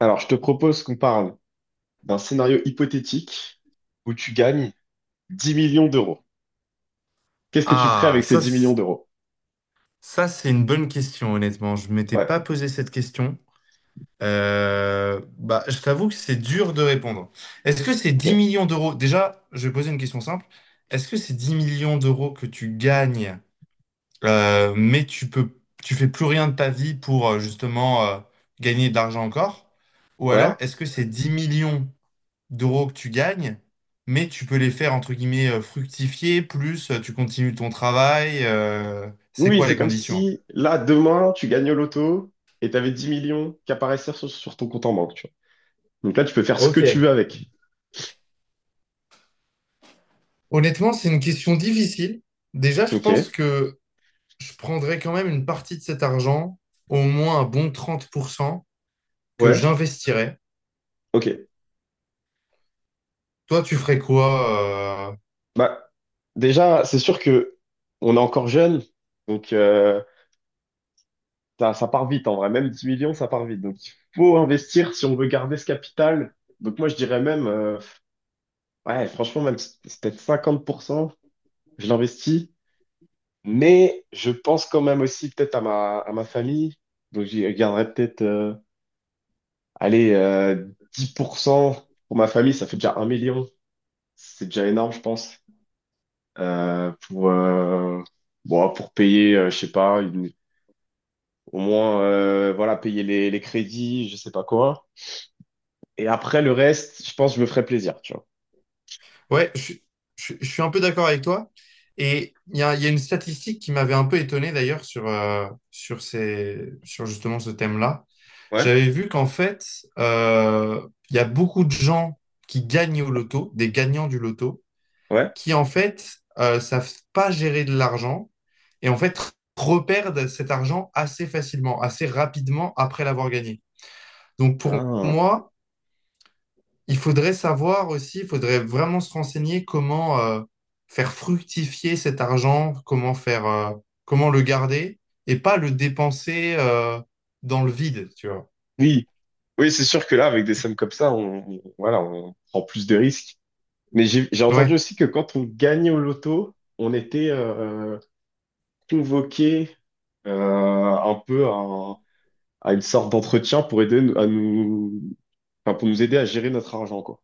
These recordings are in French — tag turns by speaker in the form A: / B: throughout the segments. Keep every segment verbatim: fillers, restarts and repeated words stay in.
A: Alors, je te propose qu'on parle d'un scénario hypothétique où tu gagnes dix millions d'euros. Qu'est-ce que tu ferais
B: Ah,
A: avec ces
B: ça,
A: dix millions
B: c-
A: d'euros?
B: ça c'est une bonne question, honnêtement. Je m'étais
A: Ouais,
B: pas posé cette question. Euh, bah, je t'avoue que c'est dur de répondre. Est-ce que c'est dix
A: ok.
B: millions d'euros? Déjà, je vais poser une question simple. Est-ce que c'est dix millions d'euros que tu gagnes, euh, mais tu peux, tu fais plus rien de ta vie pour euh, justement euh, gagner de l'argent encore? Ou alors,
A: Ouais.
B: est-ce que c'est dix millions d'euros que tu gagnes, mais tu peux les faire, entre guillemets, euh, fructifier, plus euh, tu continues ton travail. Euh, c'est
A: Oui, oui,
B: quoi
A: c'est
B: les
A: comme
B: conditions un peu?
A: si, là, demain, tu gagnes au loto et tu avais dix millions qui apparaissaient sur, sur ton compte en banque, tu vois. Donc là, tu peux faire ce que
B: Ok.
A: tu veux avec.
B: Honnêtement, c'est une question difficile. Déjà, je pense
A: Ok.
B: que je prendrais quand même une partie de cet argent, au moins un bon trente pour cent que
A: Ouais,
B: j'investirais.
A: ok.
B: Toi, tu ferais quoi, euh,
A: Bah, déjà, c'est sûr que on est encore jeune, donc euh, ça, ça part vite en vrai. Même dix millions, ça part vite. Donc, il faut investir si on veut garder ce capital. Donc moi, je dirais même... euh, Ouais, franchement, même si c'est peut-être cinquante pour cent, je l'investis, mais je pense quand même aussi peut-être à ma, à ma famille. Donc, j'y garderai peut-être, euh, allez, euh, dix pour cent pour ma famille, ça fait déjà un million. C'est déjà énorme, je pense. Euh, pour, euh, bon, pour payer, euh, je sais pas, une- au moins, euh, voilà, payer les, les crédits, je sais pas quoi. Et après, le reste, je pense que je me ferai plaisir, tu vois.
B: ouais, je, suis je suis- je suis un peu d'accord avec toi. Et il y a, il y a une statistique qui m'avait un peu étonné d'ailleurs sur, euh, sur ces, sur justement ce thème-là.
A: Ouais,
B: J'avais vu qu'en fait, euh, il y a beaucoup de gens qui gagnent au loto, des gagnants du loto,
A: ouais.
B: qui en fait euh, savent pas gérer de l'argent et en fait reperdent cet argent assez facilement, assez rapidement après l'avoir gagné. Donc pour
A: Ah.
B: moi, il faudrait savoir aussi, il faudrait vraiment se renseigner comment euh, faire fructifier cet argent, comment faire, euh, comment le garder et pas le dépenser euh, dans le vide, tu vois.
A: Oui, oui, c'est sûr que là, avec des sommes comme ça, on, on- voilà, on prend plus de risques. Mais j'ai j'ai entendu
B: Ouais,
A: aussi que quand on gagnait au loto, on était euh, convoqué euh, un peu à, à une sorte d'entretien pour aider nous- à nous, enfin, pour nous aider à gérer notre argent, quoi.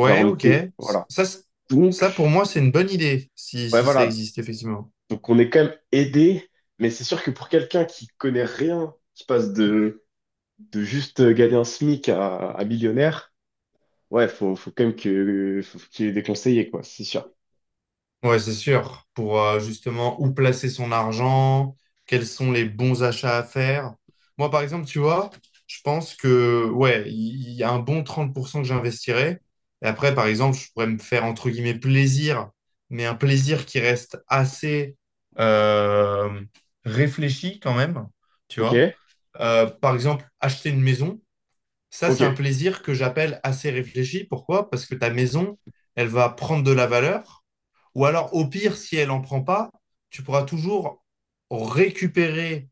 A: Genre, on
B: ok.
A: était, voilà.
B: Ça, c'est- Ça pour
A: Donc,
B: moi, c'est une bonne idée si,
A: ouais,
B: si ça
A: voilà.
B: existe effectivement.
A: Donc, on est quand même aidé, mais c'est sûr que pour quelqu'un qui connaît rien, qui passe de, de juste gagner un SMIC à, à millionnaire. Ouais, faut, faut quand même que, faut qu'il y ait des conseillers, quoi, c'est sûr.
B: Ouais, c'est sûr. Pour euh, justement où placer son argent, quels sont les bons achats à faire. Moi, par exemple, tu vois, je pense que, ouais, il il y a un bon trente pour cent que j'investirais. Et après, par exemple, je pourrais me faire, entre guillemets, plaisir, mais un plaisir qui reste assez euh, réfléchi quand même, tu
A: Ok,
B: vois. Euh, par exemple, acheter une maison. Ça, c'est un
A: ok,
B: plaisir que j'appelle assez réfléchi. Pourquoi? Parce que ta maison, elle va prendre de la valeur. Ou alors, au pire, si elle n'en prend pas, tu pourras toujours récupérer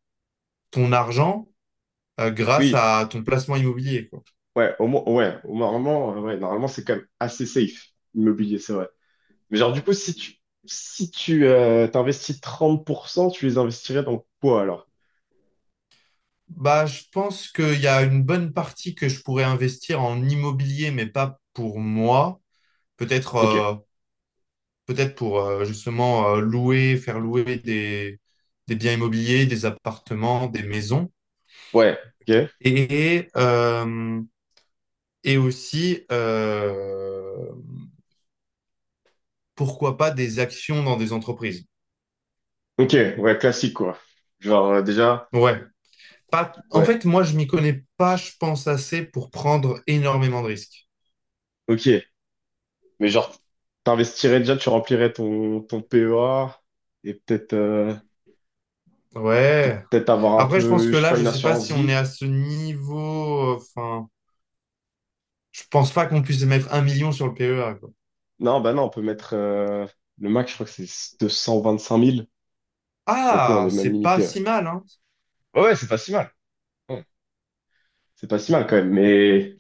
B: ton argent euh, grâce
A: oui,
B: à ton placement immobilier, quoi.
A: ouais, au moins, ouais, au- normalement, euh, ouais, normalement, c'est quand même assez safe, l'immobilier, c'est vrai. Mais genre, du coup, si tu, si tu, euh, t'investis trente pour cent, tu les investirais dans quoi, alors?
B: Bah, je pense qu'il y a une bonne partie que je pourrais investir en immobilier, mais pas pour moi. Peut-être
A: Ok,
B: euh, peut-être pour euh, justement euh, louer, faire louer des, des biens immobiliers, des appartements, des maisons.
A: ouais, ok,
B: Et euh, et aussi, euh, pourquoi pas, des actions dans des entreprises.
A: ok, ouais, classique, quoi. Genre, euh, déjà,
B: Ouais. Pas... En
A: ouais,
B: fait, moi, je m'y connais pas, je pense, assez pour prendre énormément de risques.
A: ok, mais genre, t'investirais déjà, tu remplirais ton, ton P E A, et peut-être, euh,
B: Ouais.
A: peut-être avoir un
B: Après, je pense
A: peu,
B: que
A: je sais
B: là,
A: pas,
B: je
A: une
B: sais pas
A: assurance
B: si on est
A: vie.
B: à ce niveau. Enfin, je pense pas qu'on puisse mettre un million sur le P E A, quoi.
A: Non, bah non, on peut mettre euh, le max, je crois que c'est deux cent vingt-cinq mille. Donc ouais, on
B: Ah,
A: est même
B: c'est pas
A: limité.
B: si
A: Ouais,
B: mal, hein.
A: ouais, ouais, c'est pas si mal. Ouais, c'est pas si mal quand même. Mais,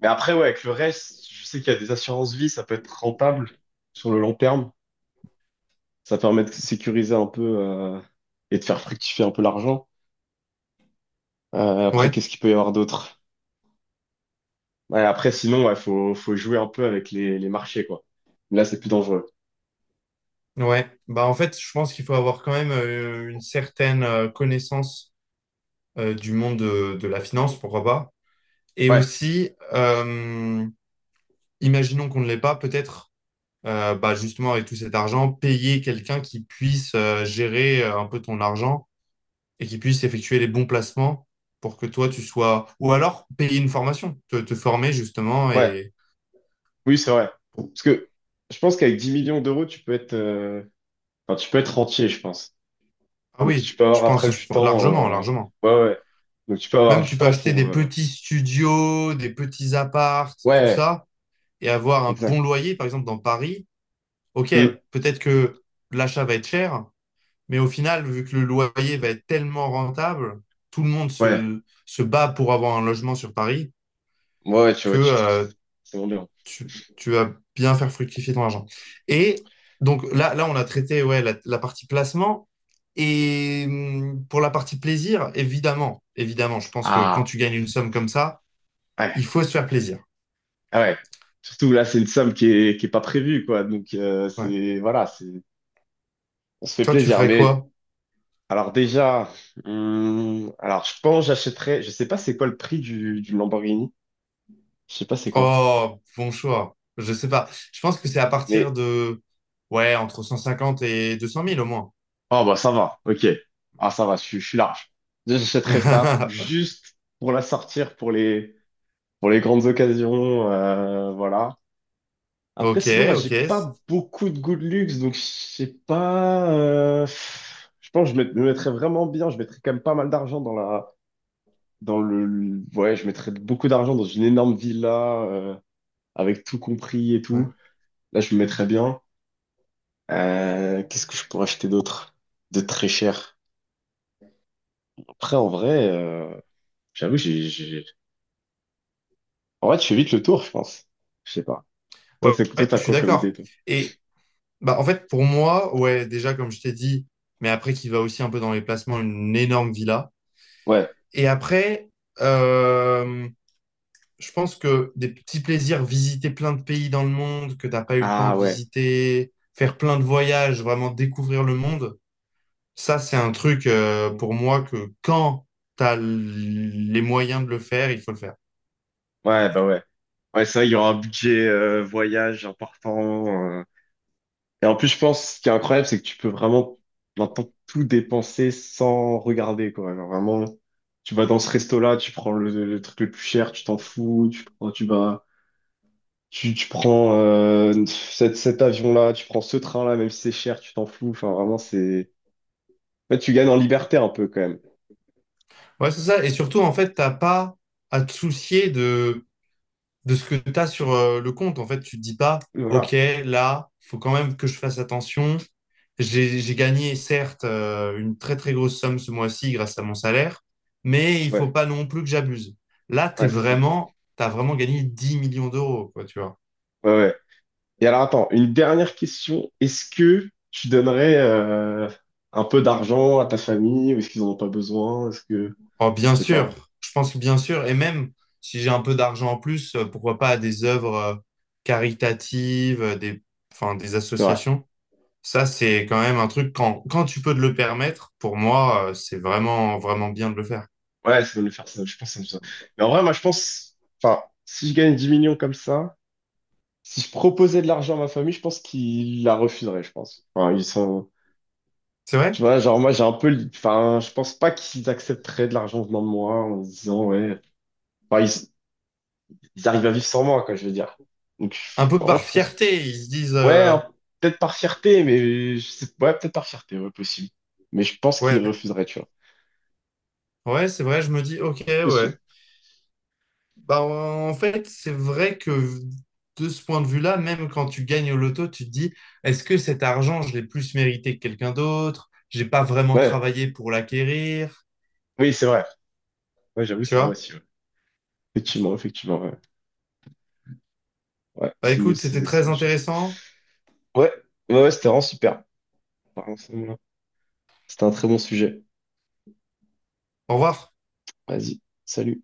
A: mais après, ouais, avec le reste, je sais qu'il y a des assurances vie, ça peut être rentable sur le long terme. Ça permet de sécuriser un peu euh, et de faire fructifier un peu l'argent. Euh, après,
B: Ouais,
A: qu'est-ce qu'il peut y avoir d'autre? Ouais, après, sinon, ouais, faut, faut jouer un peu avec les, les marchés, quoi. Là, c'est plus dangereux.
B: ouais. Bah, en fait, je pense qu'il faut avoir quand même euh, une certaine euh, connaissance euh, du monde de, de la finance, pourquoi pas. Et
A: Ouais,
B: aussi, euh, imaginons qu'on ne l'ait pas, peut-être, euh, bah, justement, avec tout cet argent, payer quelqu'un qui puisse euh, gérer euh, un peu ton argent et qui puisse effectuer les bons placements pour que toi, tu sois... Ou alors, payer une formation, te, te former, justement.
A: ouais,
B: Et...
A: oui, c'est vrai. Parce que je pense qu'avec dix millions d'euros, tu peux être, euh, Enfin, tu peux être entier, je pense.
B: Ah
A: Donc, tu
B: oui,
A: peux
B: je
A: avoir
B: pense,
A: après du
B: je-
A: temps.
B: largement,
A: euh,
B: largement.
A: Ouais, ouais. Donc, tu peux avoir
B: Même,
A: du
B: tu peux
A: temps
B: acheter
A: pour.
B: des
A: Euh,
B: petits studios, des petits apparts, tout
A: Ouais,
B: ça, et avoir un
A: exact.
B: bon loyer, par exemple, dans Paris. Ok,
A: Hmm,
B: peut-être que l'achat va être cher, mais au final, vu que le loyer va être tellement rentable, tout le monde
A: Ouais,
B: se, se bat pour avoir un logement sur Paris
A: ouais, ouais, tu
B: que
A: vois, tu...
B: euh,
A: c'est vraiment bien.
B: tu, tu vas bien faire fructifier ton argent. Et donc là, là on a traité ouais, la, la partie placement. Et hum, pour la partie plaisir, évidemment, évidemment, je pense que quand
A: Ah,
B: tu gagnes une somme comme ça,
A: ouais,
B: il faut se faire plaisir.
A: ah ouais. Surtout là, c'est une somme qui est, qui est pas prévue, quoi. Donc, euh,
B: Ouais.
A: c'est. Voilà, c'est. On se fait
B: Toi, tu
A: plaisir.
B: ferais
A: Mais,
B: quoi?
A: alors, déjà. hmm, Alors, je pense que j'achèterais. Je sais pas c'est quoi le prix du, du Lamborghini. Je sais pas c'est quoi.
B: Oh, bon choix. Je sais pas. Je pense que c'est à partir
A: Mais
B: de, ouais, entre cent cinquante et deux cent mille au moins.
A: ah bah ça va, ok. Ah ça va, je, suis je suis large. J'achèterai ça juste pour la sortir pour les pour les grandes occasions, euh, voilà. Après
B: Ok,
A: sinon moi
B: ok.
A: j'ai
B: c-
A: pas beaucoup de goût de luxe donc je sais pas. Euh, pff, je pense que je met- me mettrais vraiment bien. Je mettrais quand même pas mal d'argent dans la dans le ouais Je mettrais beaucoup d'argent dans une énorme villa euh, avec tout compris et
B: ouais,
A: tout. Là je me mettrais bien. Euh, qu'est-ce que je pourrais acheter d'autre de très cher? Après en vrai. Euh, J'avoue, j'ai, j'ai- En vrai, tu fais vite le tour, je pense. Je sais pas.
B: ouais,
A: Toi, c'est, toi,
B: ouais, je
A: t'as
B: suis
A: quoi comme idée,
B: d'accord.
A: toi?
B: Et bah, en fait, pour moi, ouais, déjà, comme je t'ai dit, mais après, qui va aussi un peu dans les placements, une énorme villa.
A: Ouais.
B: Et après, euh, je pense que des petits plaisirs, visiter plein de pays dans le monde que t'as pas eu le temps
A: Ah,
B: de
A: ouais.
B: visiter, faire plein de voyages, vraiment découvrir le monde, ça, c'est un truc, euh, pour moi, que quand t'as l- les moyens de le faire, il faut le faire.
A: Ouais, bah ouais. Ouais, ça, il y aura un budget euh, voyage important. euh. Et en plus, je pense, ce qui est incroyable, c'est que tu peux vraiment maintenant tout dépenser sans regarder, quoi. Alors, vraiment, tu vas dans ce resto-là, tu prends le, le truc le plus cher, tu t'en fous, tu prends, tu vas, tu, tu prends euh, cet, cet avion-là, tu prends ce train-là, même si c'est cher, tu t'en fous. Enfin, vraiment, c'est... En fait, tu gagnes en liberté un peu, quand même.
B: Ouais, c'est ça. Et surtout, en fait, t'as pas à te soucier de de ce que tu as sur euh, le compte. En fait, tu te dis pas,
A: Oui,
B: OK,
A: voilà,
B: là, faut quand même que je fasse attention. J'ai, j'ai gagné, certes, euh, une très, très grosse somme ce mois-ci grâce à mon salaire, mais il faut
A: ouais,
B: pas non plus que j'abuse. Là, t'es
A: ouais, c'est ça.
B: vraiment, t'as vraiment gagné dix millions d'euros, quoi, tu vois.
A: Ouais, ouais. Et alors, attends, une dernière question. Est-ce que tu donnerais euh, un peu d'argent à ta famille ou est-ce qu'ils en ont pas besoin? Est-ce que,
B: Oh, bien
A: je sais
B: sûr,
A: pas.
B: je pense que bien sûr, et même si j'ai un peu d'argent en plus, euh, pourquoi pas à des œuvres euh, caritatives, euh, des, enfin, des
A: C'est vrai.
B: associations. Ça, c'est quand même un truc, quand, quand tu peux te le permettre, pour moi, euh, c'est vraiment, vraiment bien de le faire.
A: Ouais, ça doit le faire ça. Je pense que ça me ça. Mais en vrai, moi, je pense, enfin, si je gagne dix millions comme ça, si je proposais de l'argent à ma famille, je pense qu'ils la refuseraient, je pense. Enfin, ils sont,
B: C'est vrai?
A: tu vois, genre, moi, j'ai un peu, le- enfin, je pense pas qu'ils accepteraient de l'argent venant de moi en se disant, ouais. Enfin, ils- Ils arrivent à vivre sans moi, quoi, je veux dire. Donc,
B: Un
A: je-
B: peu
A: en vrai,
B: par
A: je pense que...
B: fierté, ils se disent,
A: Ouais,
B: euh,
A: hein, peut-être par fierté, mais... Je sais... Ouais, peut-être par fierté, ouais, possible. Mais je pense qu'ils
B: ouais,
A: refuseraient, tu vois.
B: ouais, c'est vrai, je me dis, ok,
A: Possible.
B: ouais. Bah, en fait, c'est vrai que de ce point de vue-là, même quand tu gagnes au loto, tu te dis, est-ce que cet argent, je l'ai plus mérité que quelqu'un d'autre? J'ai pas vraiment
A: Ouais,
B: travaillé pour l'acquérir,
A: oui, c'est vrai. Ouais, j'avoue,
B: tu
A: c'est vrai
B: vois?
A: aussi, ouais. Effectivement, effectivement, ouais. Ouais,
B: Bah,
A: c'est une,
B: écoute,
A: autre-
B: c'était
A: c'est, c'est
B: très
A: une autre chose.
B: intéressant.
A: Ouais, ouais, ouais, c'était vraiment super. Vraiment, c'est- C'était un très bon sujet.
B: Au revoir.
A: Vas-y, salut.